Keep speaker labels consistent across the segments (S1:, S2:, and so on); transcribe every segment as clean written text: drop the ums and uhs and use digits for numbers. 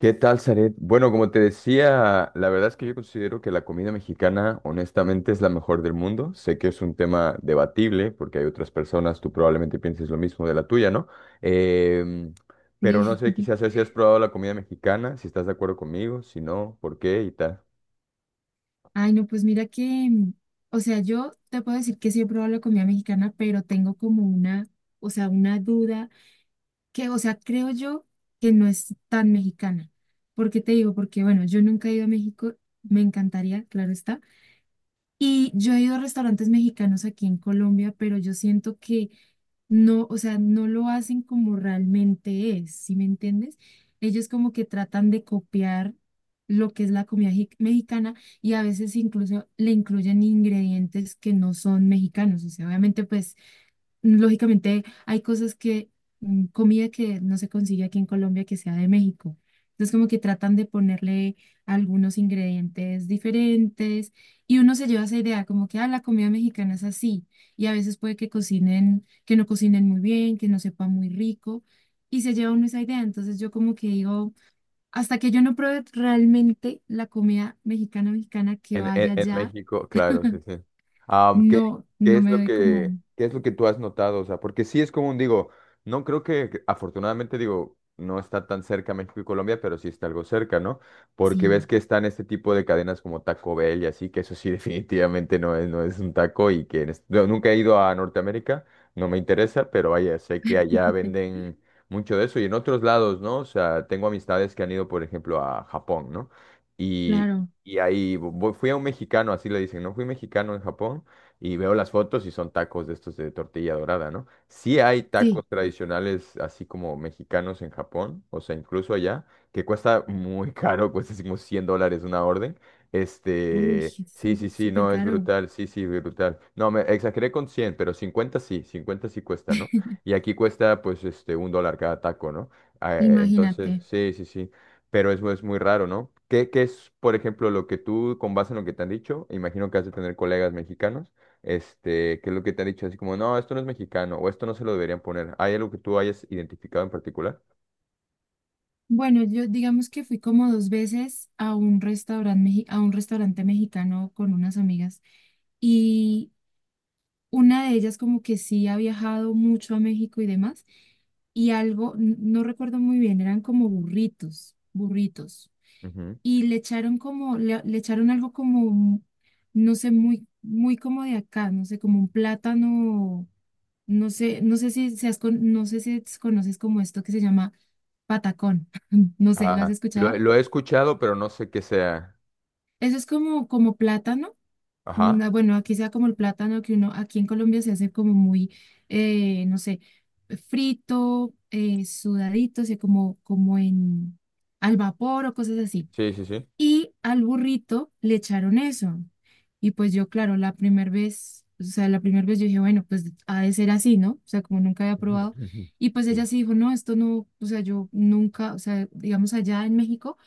S1: ¿Qué tal, Zaret? Bueno, como te decía, la verdad es que yo considero que la comida mexicana, honestamente, es la mejor del mundo. Sé que es un tema debatible, porque hay otras personas, tú probablemente pienses lo mismo de la tuya, ¿no? Em, pero no
S2: Sí.
S1: sé, quizás si has probado la comida mexicana, si estás de acuerdo conmigo, si no, ¿por qué y tal?
S2: Ay, no, pues mira que, o sea, yo te puedo decir que sí he probado la comida mexicana, pero tengo como una, o sea, una duda que, o sea, creo yo que no es tan mexicana. ¿Por qué te digo? Porque, bueno, yo nunca he ido a México, me encantaría, claro está. Y yo he ido a restaurantes mexicanos aquí en Colombia, pero yo siento que no, o sea, no lo hacen como realmente es, ¿sí me entiendes? Ellos como que tratan de copiar lo que es la comida mexicana y a veces incluso le incluyen ingredientes que no son mexicanos. O sea, obviamente pues lógicamente hay cosas que, comida que no se consigue aquí en Colombia que sea de México. Entonces como que tratan de ponerle algunos ingredientes diferentes y uno se lleva esa idea como que, ah, la comida mexicana es así y a veces puede que cocinen, que no cocinen muy bien, que no sepa muy rico y se lleva uno esa idea. Entonces yo como que digo, hasta que yo no pruebe realmente la comida mexicana mexicana que
S1: En,
S2: vaya
S1: en- en
S2: allá,
S1: México, claro, sí, sí. ¿Qué,
S2: no, no me doy como,
S1: qué es lo que tú has notado? O sea, porque sí es común, digo, no creo que, afortunadamente, digo, no está tan cerca México y Colombia, pero sí está algo cerca, ¿no? Porque ves
S2: sí,
S1: que están este tipo de cadenas como Taco Bell y así, que eso sí definitivamente no es, no es un taco y que no, nunca he ido a Norteamérica, no me interesa, pero vaya, sé que allá venden mucho de eso y en otros lados, ¿no? O sea, tengo amistades que han ido, por ejemplo, a Japón, ¿no? y
S2: claro.
S1: y fui a un mexicano, así le dicen, ¿no? Fui mexicano en Japón y veo las fotos y son tacos de estos de tortilla dorada, ¿no? Sí hay tacos
S2: Sí,
S1: tradicionales así como mexicanos en Japón, o sea, incluso allá, que cuesta muy caro, cuesta así como $100 una orden.
S2: uy,
S1: Este,
S2: sí,
S1: sí, sí, sí,
S2: súper
S1: no, es
S2: caro,
S1: brutal, sí, sí, brutal. No, me exageré con 100 pero 50 sí, 50 sí cuesta, ¿no? Y aquí cuesta pues este un dólar cada taco, ¿no? Ah, entonces,
S2: imagínate.
S1: sí, sí, sí. Pero eso es muy raro, ¿no? ¿Qué, qué es, por ejemplo, lo que tú, con base en lo que te han dicho, imagino que has de tener colegas mexicanos, este, qué es lo que te han dicho, así como, no, esto no es mexicano, o esto no se lo deberían poner. ¿Hay algo que tú hayas identificado en particular?
S2: Bueno, yo digamos que fui como dos veces a un restaurante mexicano con unas amigas y una de ellas como que sí ha viajado mucho a México y demás y algo, no recuerdo muy bien, eran como burritos, burritos
S1: Ujú.
S2: y le echaron como, le echaron algo como, no sé, muy como de acá, no sé, como un plátano. No sé, no sé si seas no sé si conoces como esto que se llama patacón. No sé, ¿lo has
S1: Ah, he
S2: escuchado?
S1: lo he escuchado, pero no sé qué sea.
S2: Eso es como, como plátano.
S1: Ajá,
S2: Ah, bueno, aquí sea como el plátano que uno, aquí en Colombia se hace como muy, no sé, frito, sudadito, o sea, como, como en al vapor o cosas así.
S1: sí, sí, sí.
S2: Y al burrito le echaron eso. Y pues yo, claro, la primera vez, o sea, la primera vez yo dije, bueno, pues ha de ser así, ¿no? O sea, como nunca había
S1: Ujú,
S2: probado.
S1: ujú.
S2: Y pues ella
S1: Sí.
S2: sí dijo, no, esto no, o sea, yo nunca, o sea, digamos allá en México,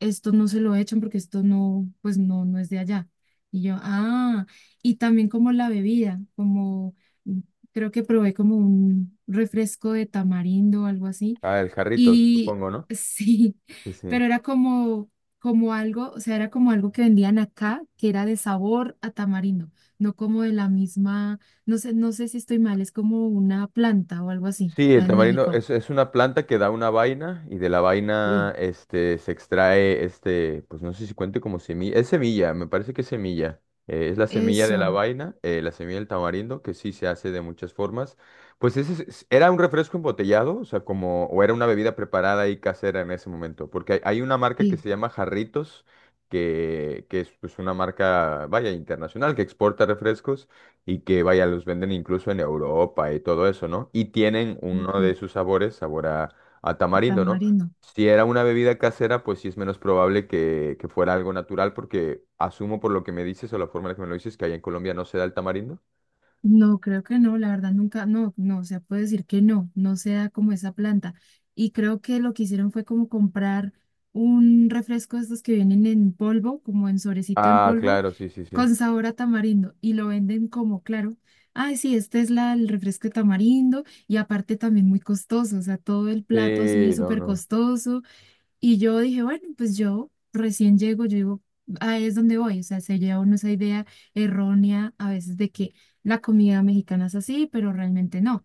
S2: esto no se lo echan porque esto no, pues no, no es de allá. Y yo, ah, y también como la bebida, como mm, creo que probé como un refresco de tamarindo o algo así
S1: Ah, el jarrito,
S2: y
S1: supongo, ¿no?
S2: sí,
S1: Sí, sí.
S2: pero era como, como algo, o sea, era como algo que vendían acá, que era de sabor a tamarindo, no como de la misma, no sé, no sé si estoy mal, es como una planta o algo así,
S1: Sí, el
S2: ah, en
S1: tamarindo
S2: México.
S1: es una planta que da una vaina y de la
S2: Sí.
S1: vaina este, se extrae, este, pues no sé si cuente como semilla, es semilla, me parece que es semilla, es la semilla de la
S2: Eso,
S1: vaina, la semilla del tamarindo, que sí se hace de muchas formas. Pues ese era un refresco embotellado, o sea, como, o era una bebida preparada y casera en ese momento, porque hay una marca que
S2: sí,
S1: se llama Jarritos, que es pues, una marca, vaya, internacional, que exporta refrescos y que vaya, los venden incluso en Europa y todo eso, ¿no? Y tienen uno
S2: ok,
S1: de sus sabores, sabor a tamarindo, ¿no?
S2: tamarindo.
S1: Si era una bebida casera, pues sí es menos probable que fuera algo natural, porque asumo por lo que me dices o la forma en la que me lo dices que allá en Colombia no se da el tamarindo.
S2: No, creo que no, la verdad nunca, no, no, o sea, puedo decir que no, no sea como esa planta. Y creo que lo que hicieron fue como comprar un refresco de estos que vienen en polvo, como en sobrecito en
S1: Ah,
S2: polvo,
S1: claro, sí, sí, sí.
S2: con sabor a tamarindo, y lo venden como, claro, ay, sí, este es la, el refresco de tamarindo, y aparte también muy costoso, o sea, todo el plato así
S1: Sí, no,
S2: súper
S1: no.
S2: costoso, y yo dije, bueno, pues yo recién llego, yo digo, ahí es donde voy. O sea, se lleva uno esa idea errónea a veces de que la comida mexicana es así, pero realmente no.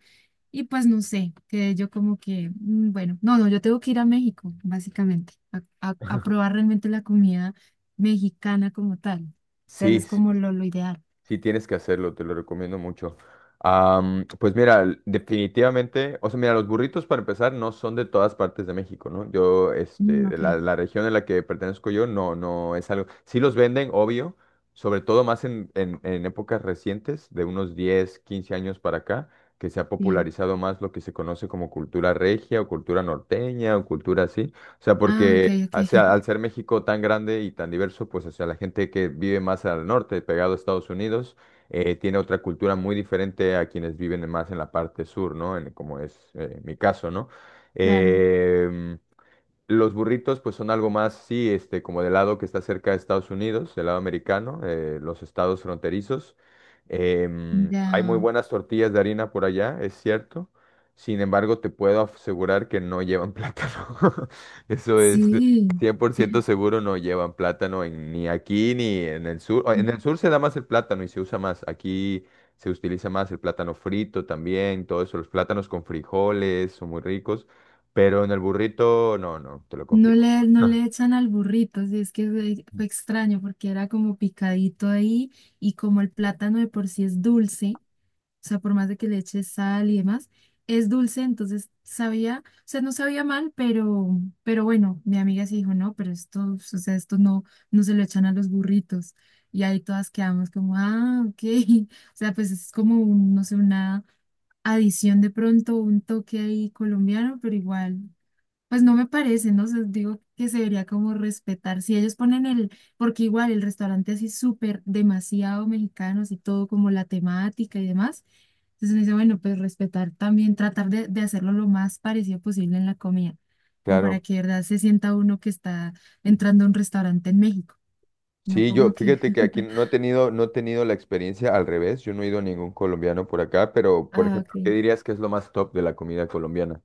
S2: Y pues no sé, que yo como que, bueno, no, no, yo tengo que ir a México, básicamente, a, a probar realmente la comida mexicana como tal. O sea,
S1: Sí,
S2: es
S1: sí.
S2: como lo ideal.
S1: Sí, tienes que hacerlo, te lo recomiendo mucho. Pues mira, definitivamente, o sea, mira, los burritos para empezar no son de todas partes de México, ¿no? Yo, este,
S2: Mm,
S1: de
S2: ok,
S1: la región en la que pertenezco yo, no, no es algo. Sí los venden, obvio, sobre todo más en épocas recientes, de unos 10 15 años para acá, que se ha
S2: sí.
S1: popularizado más lo que se conoce como cultura regia o cultura norteña o cultura así. O sea,
S2: Ah, ok,
S1: porque
S2: ok,
S1: o sea, al ser México tan grande y tan diverso, pues o sea, la gente que vive más al norte, pegado a Estados Unidos, tiene otra cultura muy diferente a quienes viven más en la parte sur, ¿no? En- como es mi caso, ¿no?
S2: claro.
S1: Em, los burritos pues son algo más, sí, este, como del lado que está cerca de Estados Unidos, del lado americano, los estados fronterizos. Hay muy
S2: Ya,
S1: buenas tortillas de harina por allá, es cierto. Sin embargo, te puedo asegurar que no llevan plátano. Eso es
S2: sí.
S1: 100 por ciento seguro, no llevan plátano ni aquí ni en el sur. O, en el sur se da más el plátano y se usa más. Aquí se utiliza más el plátano frito también, todo eso. Los plátanos con frijoles son muy ricos. Pero en el burrito, no, no, te lo
S2: No
S1: confirmo. Que
S2: le, no
S1: no. No.
S2: le echan al burrito, sí, es que fue, fue extraño porque era como picadito ahí y como el plátano de por sí es dulce, o sea, por más de que le eches sal y demás, es dulce, entonces sabía, o sea, no sabía mal, pero bueno, mi amiga sí dijo, no, pero esto, o sea, esto no, no se lo echan a los burritos. Y ahí todas quedamos como, ah, ok, o sea, pues es como, un, no sé, una adición de pronto, un toque ahí colombiano, pero igual. Pues no me parece, no sé, digo que se debería como respetar. Si ellos ponen el, porque igual el restaurante así súper demasiado mexicanos y todo como la temática y demás. Entonces me dice, bueno, pues respetar también, tratar de hacerlo lo más parecido posible en la comida, como para
S1: Claro.
S2: que de verdad se sienta uno que está entrando a un restaurante en México, no
S1: Sí, yo,
S2: como que...
S1: fíjate que aquí no he tenido, no he tenido la experiencia al revés. Yo no he ido a ningún colombiano por acá, pero, por
S2: Ah,
S1: ejemplo,
S2: ok.
S1: ¿qué dirías que es lo más top de la comida colombiana?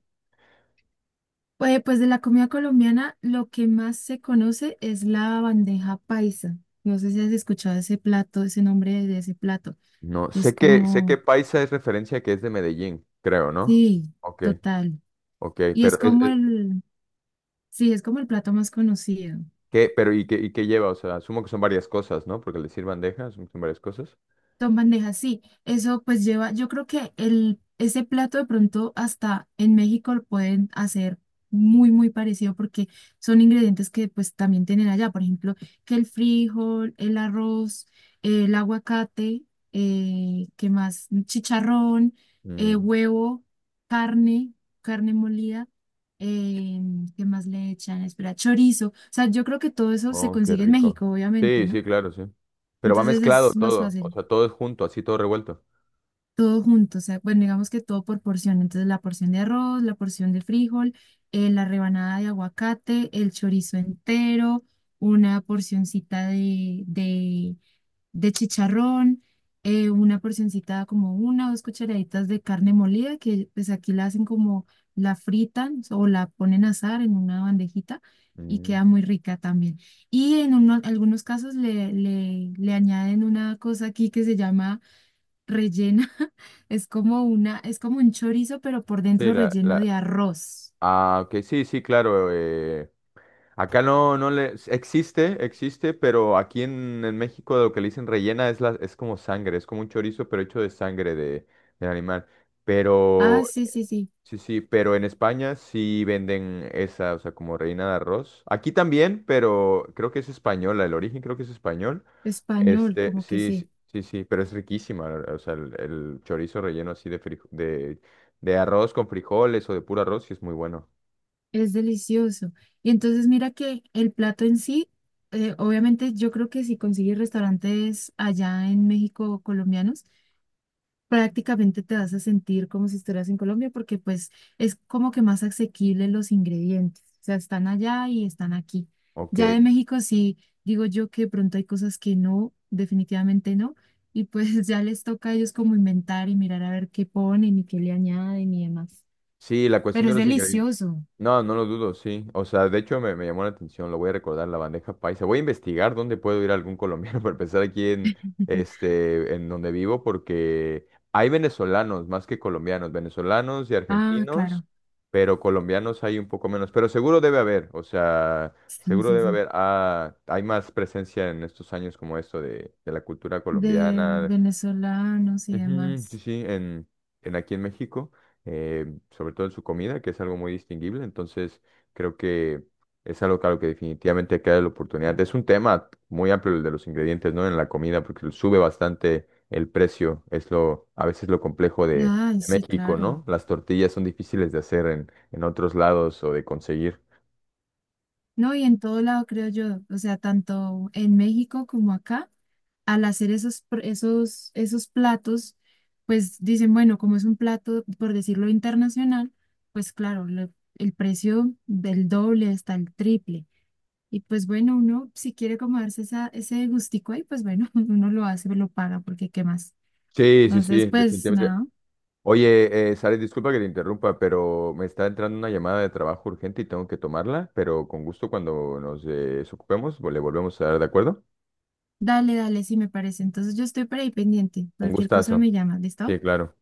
S2: Pues, pues de la comida colombiana, lo que más se conoce es la bandeja paisa. No sé si has escuchado ese plato, ese nombre de ese plato.
S1: No,
S2: Es
S1: sé que
S2: como,
S1: paisa es referencia que es de Medellín, creo, ¿no?
S2: sí,
S1: Ok,
S2: total.
S1: ok,
S2: Y es
S1: pero
S2: como
S1: es-
S2: el, sí, es como el plato más conocido.
S1: ¿qué, pero y qué lleva? O sea, asumo que son varias cosas, ¿no? Porque le sirvan bandeja, asumo que son varias cosas.
S2: Son bandejas, sí. Eso pues lleva, yo creo que el, ese plato de pronto hasta en México lo pueden hacer muy, muy parecido porque son ingredientes que pues también tienen allá. Por ejemplo, que el frijol, el arroz, el aguacate, ¿qué más? Chicharrón,
S1: Mm.
S2: huevo, carne, carne molida. Eh, ¿Qué más le echan? Espera, chorizo. O sea, yo creo que todo eso se
S1: Oh, qué
S2: consigue en
S1: rico.
S2: México, obviamente,
S1: Sí, sí,
S2: ¿no?
S1: claro, sí. Pero va
S2: Entonces
S1: mezclado
S2: es más
S1: todo, o
S2: fácil.
S1: sea, todo es junto, así todo revuelto.
S2: Todo junto, o sea, bueno, digamos que todo por porción. Entonces, la porción de arroz, la porción de frijol, la rebanada de aguacate, el chorizo entero, una porcioncita de chicharrón, una porcioncita como una o dos cucharaditas de carne molida, que pues aquí la hacen como la fritan o la ponen a asar en una bandejita y
S1: Mm.
S2: queda muy rica también. Y en algunos casos le, le añaden una cosa aquí que se llama rellena, es como una, es como un chorizo, pero por
S1: Sí,
S2: dentro
S1: la,
S2: relleno
S1: la...
S2: de arroz.
S1: Ah, ok, sí, sí, claro. Acá no, no le... Existe, existe, pero aquí en México lo que le dicen rellena es, la, es como sangre, es como un chorizo, pero hecho de sangre de, del animal.
S2: Ah,
S1: Pero,
S2: sí, sí, sí,
S1: sí, sí, pero en España sí venden esa, o sea, como rellena de arroz. Aquí también, pero creo que es española, el origen creo que es español.
S2: español,
S1: Este,
S2: como que
S1: sí, sí,
S2: sí,
S1: sí, sí, pero es riquísima, o sea, el chorizo relleno así de, de arroz con frijoles o de puro arroz, sí es muy bueno.
S2: es delicioso. Y entonces mira que el plato en sí, obviamente yo creo que si consigues restaurantes allá en México colombianos, prácticamente te vas a sentir como si estuvieras en Colombia porque pues es como que más asequible los ingredientes. O sea, están allá y están aquí.
S1: Ok.
S2: Ya de México sí, digo yo que de pronto hay cosas que no, definitivamente no. Y pues ya les toca a ellos como inventar y mirar a ver qué ponen y qué le añaden y demás.
S1: Sí, la cuestión
S2: Pero
S1: de
S2: es
S1: los ingredientes.
S2: delicioso.
S1: No, no lo dudo, sí. O sea, de hecho me llamó la atención, lo voy a recordar, la bandeja paisa. Voy a investigar dónde puedo ir a algún colombiano para empezar aquí en, este, en donde vivo, porque hay venezolanos más que colombianos, venezolanos y
S2: Ah, claro.
S1: argentinos, pero colombianos hay un poco menos, pero seguro debe haber, o sea,
S2: Sí,
S1: seguro
S2: sí,
S1: debe
S2: sí.
S1: haber. Ah, hay más presencia en estos años como esto de la cultura
S2: De
S1: colombiana.
S2: venezolanos y
S1: Ujú, sí,
S2: demás.
S1: sí, en aquí en México, eh, sobre todo en su comida, que es algo muy distinguible, entonces creo que es algo claro que definitivamente hay que darle la oportunidad. Es un tema muy amplio el de los ingredientes, ¿no? En la comida, porque sube bastante el precio, es lo, a veces lo complejo
S2: Ya, ay,
S1: de
S2: sí,
S1: México,
S2: claro.
S1: ¿no? Las tortillas son difíciles de hacer en otros lados o de conseguir.
S2: No, y en todo lado creo yo, o sea, tanto en México como acá, al hacer esos, esos, esos platos, pues dicen, bueno, como es un plato, por decirlo internacional, pues claro, el precio del doble hasta el triple. Y pues bueno, uno si quiere como darse esa, ese gustico ahí, pues bueno, uno lo hace, lo paga, porque qué más.
S1: Sí, sí,
S2: Entonces,
S1: sí,
S2: pues
S1: definitivamente.
S2: nada,
S1: Oye, Sara, disculpa que te interrumpa, pero me está entrando una llamada de trabajo urgente y tengo que tomarla, pero con gusto cuando nos desocupemos, le volvemos a dar, ¿de acuerdo?
S2: dale, dale, sí me parece. Entonces yo estoy por ahí pendiente,
S1: Un
S2: cualquier cosa
S1: gustazo.
S2: me llama, ¿listo?
S1: Sí, claro.